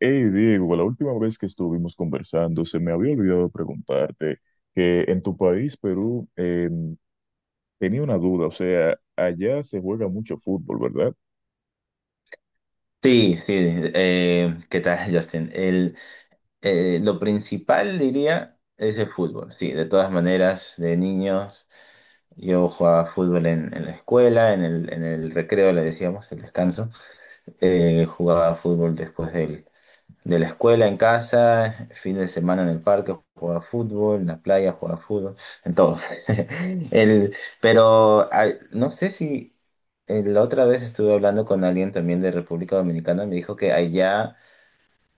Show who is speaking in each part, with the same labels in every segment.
Speaker 1: Hey Diego, la última vez que estuvimos conversando, se me había olvidado preguntarte que en tu país, Perú, tenía una duda, o sea, allá se juega mucho fútbol, ¿verdad?
Speaker 2: Sí, sí, ¿qué tal, Justin? Lo principal, diría, es el fútbol. Sí, de todas maneras, de niños, yo jugaba fútbol en la escuela, en el recreo, le decíamos, el descanso. Jugaba fútbol de la escuela, en casa, fin de semana en el parque, jugaba fútbol, en la playa, jugaba fútbol, en todo. El, pero ay, no sé si... La otra vez estuve hablando con alguien también de República Dominicana, me dijo que allá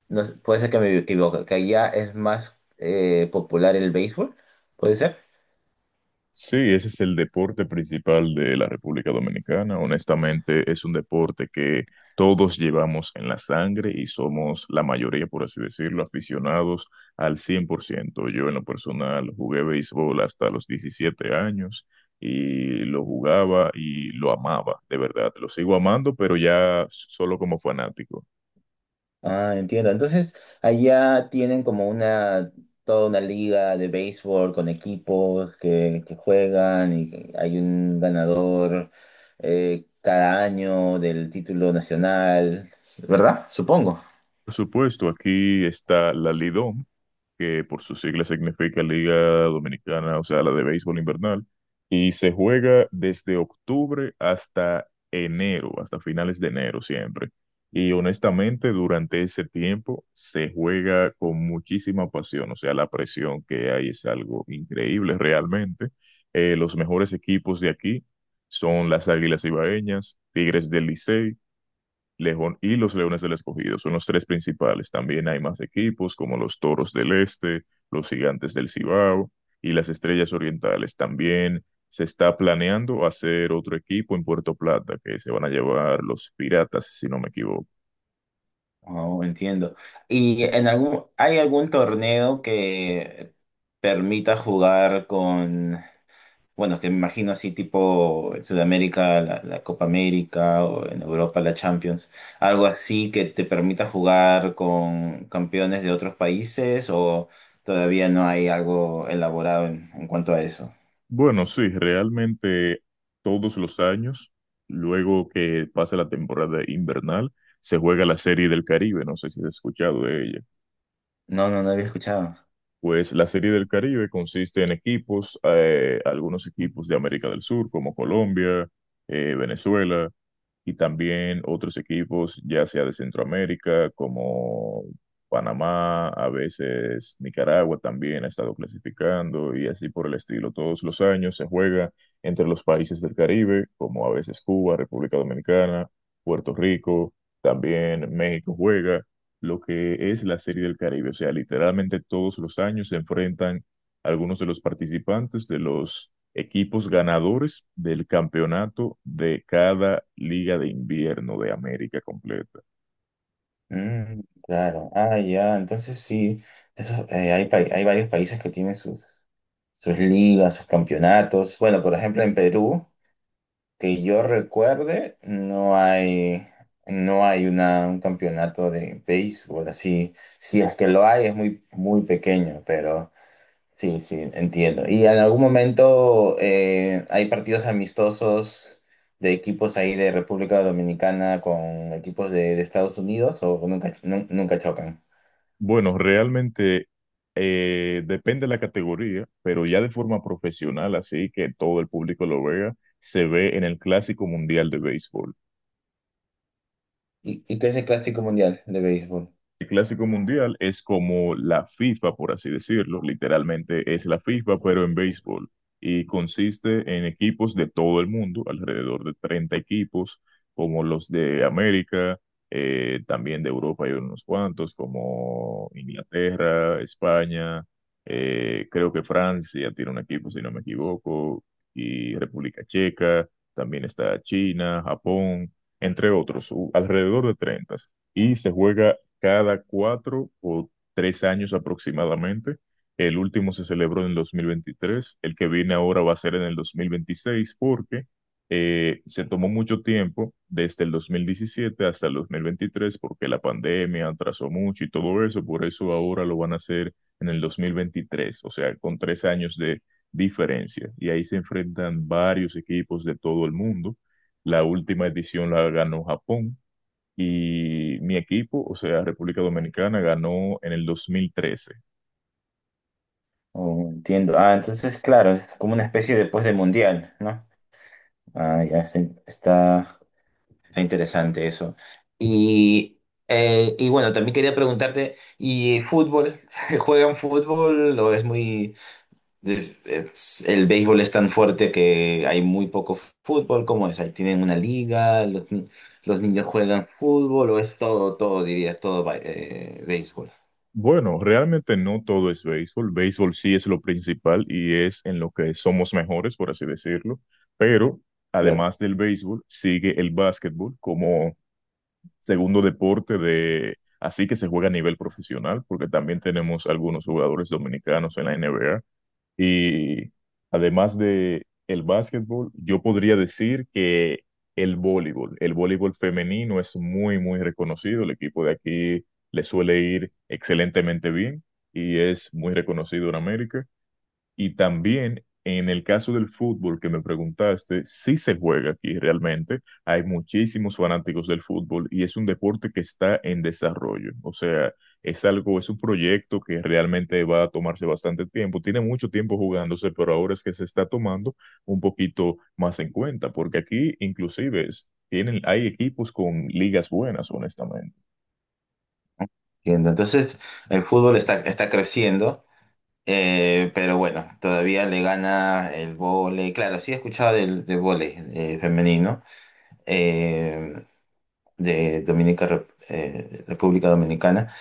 Speaker 2: no sé, puede ser que me equivoque, que allá es más popular el béisbol, ¿puede ser?
Speaker 1: Sí, ese es el deporte principal de la República Dominicana. Honestamente, es un deporte que todos llevamos en la sangre y somos la mayoría, por así decirlo, aficionados al 100%. Yo en lo personal jugué béisbol hasta los 17 años y lo jugaba y lo amaba, de verdad. Lo sigo amando, pero ya solo como fanático.
Speaker 2: Ah, entiendo. Entonces, allá tienen como una, toda una liga de béisbol con equipos que juegan y hay un ganador cada año del título nacional, ¿verdad? Supongo.
Speaker 1: Por supuesto, aquí está la Lidom, que por sus siglas significa Liga Dominicana, o sea, la de béisbol invernal, y se juega desde octubre hasta enero, hasta finales de enero siempre. Y honestamente, durante ese tiempo se juega con muchísima pasión, o sea, la presión que hay es algo increíble realmente. Los mejores equipos de aquí son las Águilas Ibaeñas, Tigres del Licey, León y los Leones del Escogido son los tres principales. También hay más equipos como los Toros del Este, los Gigantes del Cibao y las Estrellas Orientales. También se está planeando hacer otro equipo en Puerto Plata que se van a llevar los Piratas, si no me equivoco.
Speaker 2: Oh, entiendo. ¿Y hay algún torneo que permita jugar con... Bueno, que me imagino así tipo en Sudamérica, la Copa América o en Europa la Champions, algo así que te permita jugar con campeones de otros países o todavía no hay algo elaborado en cuanto a eso?
Speaker 1: Bueno, sí, realmente todos los años, luego que pasa la temporada invernal, se juega la Serie del Caribe. No sé si has escuchado de ella.
Speaker 2: No, no, no había escuchado.
Speaker 1: Pues la Serie del Caribe consiste en equipos, algunos equipos de América del Sur, como Colombia, Venezuela, y también otros equipos, ya sea de Centroamérica, como Panamá, a veces Nicaragua también ha estado clasificando, y así por el estilo. Todos los años se juega entre los países del Caribe, como a veces Cuba, República Dominicana, Puerto Rico, también México juega lo que es la Serie del Caribe. O sea, literalmente todos los años se enfrentan algunos de los participantes de los equipos ganadores del campeonato de cada liga de invierno de América completa.
Speaker 2: Mm, claro. Ah, ya, entonces sí, eso, hay, hay varios países que tienen sus, sus ligas, sus campeonatos. Bueno, por ejemplo, en Perú. Que yo recuerde, no hay un campeonato de béisbol así. Si es que lo hay, es muy, muy pequeño, pero sí, sí, entiendo. Y en algún momento hay partidos amistosos de equipos ahí de República Dominicana con equipos de Estados Unidos o nunca chocan.
Speaker 1: Bueno, realmente depende de la categoría, pero ya de forma profesional, así que todo el público lo vea, se ve en el Clásico Mundial de Béisbol.
Speaker 2: Y qué es el Clásico Mundial de béisbol?
Speaker 1: El clásico mundial es como la FIFA, por así decirlo, literalmente es la FIFA, pero en béisbol, y consiste en equipos de todo el mundo, alrededor de 30 equipos, como los de América, también de Europa hay unos cuantos, como Inglaterra, España, creo que Francia tiene un equipo, si no me equivoco, y República Checa, también está China, Japón, entre otros, alrededor de 30 y se juega cada cuatro o tres años aproximadamente. El último se celebró en el 2023, el que viene ahora va a ser en el 2026 porque se tomó mucho tiempo desde el 2017 hasta el 2023 porque la pandemia atrasó mucho y todo eso, por eso ahora lo van a hacer en el 2023, o sea, con tres años de diferencia. Y ahí se enfrentan varios equipos de todo el mundo. La última edición la ganó Japón, y mi equipo, o sea, República Dominicana, ganó en el 2013.
Speaker 2: Oh, entiendo. Ah, entonces, claro, es como una especie después del Mundial, ¿no? Ah, está. Está interesante eso. Y, y bueno, también quería preguntarte, ¿y fútbol? ¿Juegan fútbol o es muy... el béisbol es tan fuerte que hay muy poco fútbol? ¿Cómo es? ¿Ahí tienen una liga? ¿Los, ni- ¿Los niños juegan fútbol o es todo, todo, dirías, béisbol?
Speaker 1: Bueno, realmente no todo es béisbol. Béisbol sí es lo principal y es en lo que somos mejores, por así decirlo. Pero
Speaker 2: Claro,
Speaker 1: además del béisbol, sigue el básquetbol como segundo deporte de, así que se juega a nivel profesional, porque también tenemos algunos jugadores dominicanos en la NBA. Y además de el básquetbol, yo podría decir que el voleibol femenino es muy, muy reconocido. El equipo de aquí le suele ir excelentemente bien y es muy reconocido en América. Y también en el caso del fútbol que me preguntaste, sí se juega aquí realmente. Hay muchísimos fanáticos del fútbol y es un deporte que está en desarrollo. O sea, es algo, es un proyecto que realmente va a tomarse bastante tiempo. Tiene mucho tiempo jugándose, pero ahora es que se está tomando un poquito más en cuenta, porque aquí inclusive tienen, hay equipos con ligas buenas, honestamente.
Speaker 2: entiendo. Entonces, el fútbol está creciendo. Pero bueno, todavía le gana el vóley. Claro, sí he escuchado del vóley femenino eh, de República Dominicana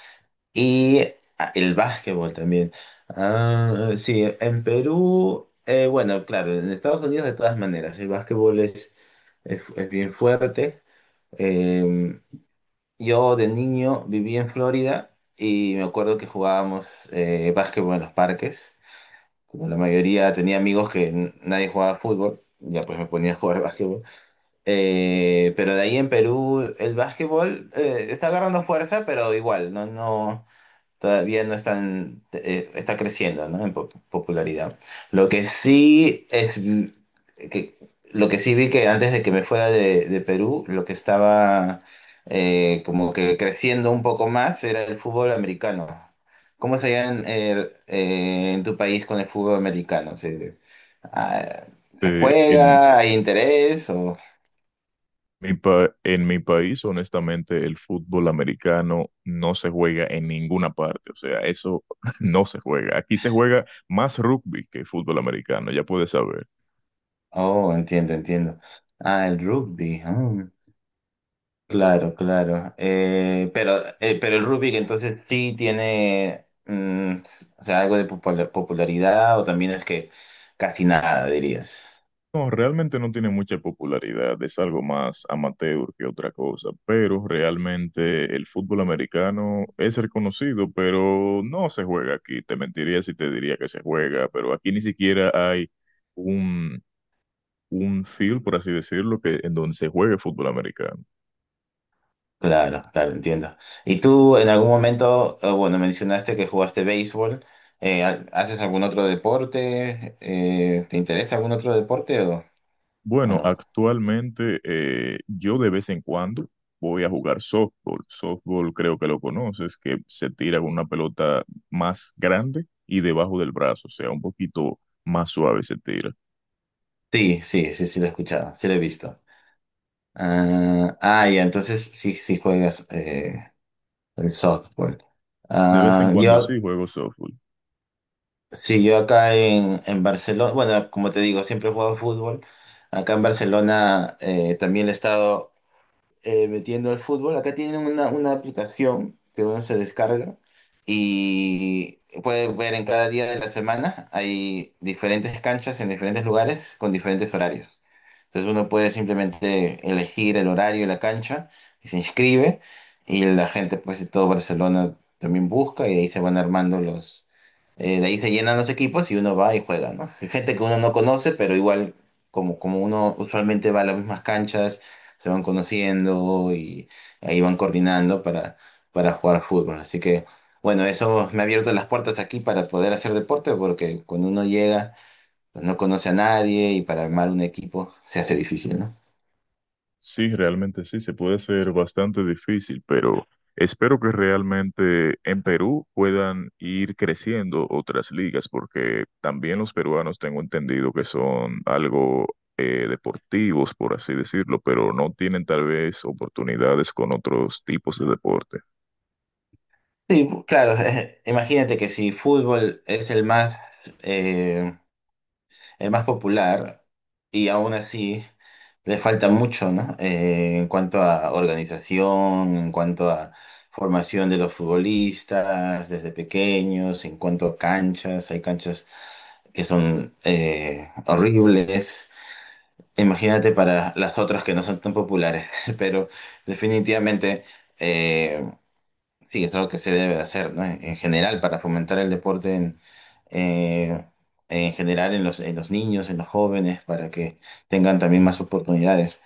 Speaker 2: y ah, el básquetbol también. Ah, sí, en Perú, bueno, claro, en Estados Unidos de todas maneras, el básquetbol es bien fuerte. Eh, yo de niño viví en Florida y me acuerdo que jugábamos básquetbol en los parques. Como la mayoría tenía amigos que nadie jugaba fútbol, ya pues me ponía a jugar básquetbol. Pero de ahí en Perú el básquetbol está agarrando fuerza, pero igual, todavía no están, está creciendo, ¿no? En popularidad. Lo que sí es mm, que lo que sí vi que antes de que me fuera de Perú, lo que estaba como que creciendo un poco más era el fútbol americano. ¿Cómo se llama en tu país con el fútbol americano? ¿Se, ah, ¿se
Speaker 1: Eh, En
Speaker 2: juega? ¿Hay interés? O...
Speaker 1: en mi país, honestamente, el fútbol americano no se juega en ninguna parte. O sea, eso no se juega. Aquí se juega más rugby que fútbol americano, ya puedes saber.
Speaker 2: Oh, entiendo, entiendo. Ah, el rugby. Ah, claro, claro. Pero el rugby entonces sí tiene mm, o sea, algo de popularidad o también es que casi nada, dirías.
Speaker 1: No, realmente no tiene mucha popularidad. Es algo más amateur que otra cosa. Pero realmente el fútbol americano es reconocido, pero no se juega aquí. Te mentiría si te diría que se juega, pero aquí ni siquiera hay un, un field, por así decirlo, que, en donde se juegue fútbol americano.
Speaker 2: Claro, claro, entiendo. ¿Y tú en algún momento, bueno, mencionaste que jugaste béisbol, ¿haces algún otro deporte? ¿Te interesa algún otro deporte o
Speaker 1: Bueno,
Speaker 2: no?
Speaker 1: actualmente yo de vez en cuando voy a jugar softball. Softball creo que lo conoces, que se tira con una pelota más grande y debajo del brazo, o sea, un poquito más suave se tira.
Speaker 2: Sí, sí, sí, sí lo he escuchado, sí lo he visto. Ah, ah, ya, entonces sí, sí juegas el softball.
Speaker 1: De vez en
Speaker 2: Ah,
Speaker 1: cuando
Speaker 2: yo,
Speaker 1: sí juego softball.
Speaker 2: sí, yo acá en Barcelona, bueno, como te digo, siempre he jugado fútbol. Acá en Barcelona también he estado metiendo al fútbol. Acá tienen una aplicación que uno se descarga y puede ver en cada día de la semana. Hay diferentes canchas en diferentes lugares con diferentes horarios. Entonces uno puede simplemente elegir el horario de la cancha y se inscribe y la gente pues de todo Barcelona también busca y de ahí se van armando los... de ahí se llenan los equipos y uno va y juega, ¿no? Hay gente que uno no conoce, pero igual como uno usualmente va a las mismas canchas se van conociendo y ahí van coordinando para jugar fútbol. Así que, bueno, eso me ha abierto las puertas aquí para poder hacer deporte, porque cuando uno llega, pues no conoce a nadie y para armar un equipo se hace difícil, ¿no?
Speaker 1: Sí, realmente sí, se puede hacer bastante difícil, pero espero que realmente en Perú puedan ir creciendo otras ligas, porque también los peruanos tengo entendido que son algo deportivos, por así decirlo, pero no tienen tal vez oportunidades con otros tipos de deporte.
Speaker 2: Sí, claro, imagínate que si fútbol es eh, el más popular y aún así le falta mucho, ¿no? En cuanto a organización, en cuanto a formación de los futbolistas desde pequeños, en cuanto a canchas, hay canchas que son horribles. Imagínate para las otras que no son tan populares, pero definitivamente eh, sí, es algo que se debe hacer, ¿no? En general, para fomentar el deporte eh, en general en los niños, en los jóvenes, para que tengan también más oportunidades.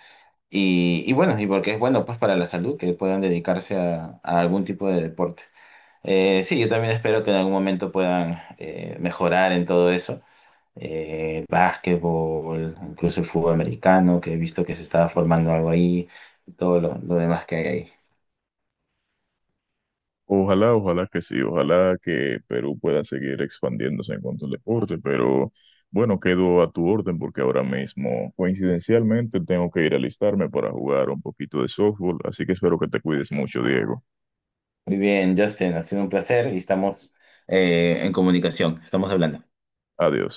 Speaker 2: Y bueno, y porque es bueno, pues para la salud, que puedan dedicarse a algún tipo de deporte. Sí, yo también espero que en algún momento puedan mejorar en todo eso. Básquetbol, incluso el fútbol americano, que he visto que se estaba formando algo ahí, y todo lo demás que hay ahí.
Speaker 1: Ojalá, ojalá que sí, ojalá que Perú pueda seguir expandiéndose en cuanto al deporte, pero bueno, quedo a tu orden porque ahora mismo, coincidencialmente, tengo que ir a alistarme para jugar un poquito de softball, así que espero que te cuides mucho, Diego.
Speaker 2: Muy bien, Justin, ha sido un placer y estamos en comunicación, estamos hablando.
Speaker 1: Adiós.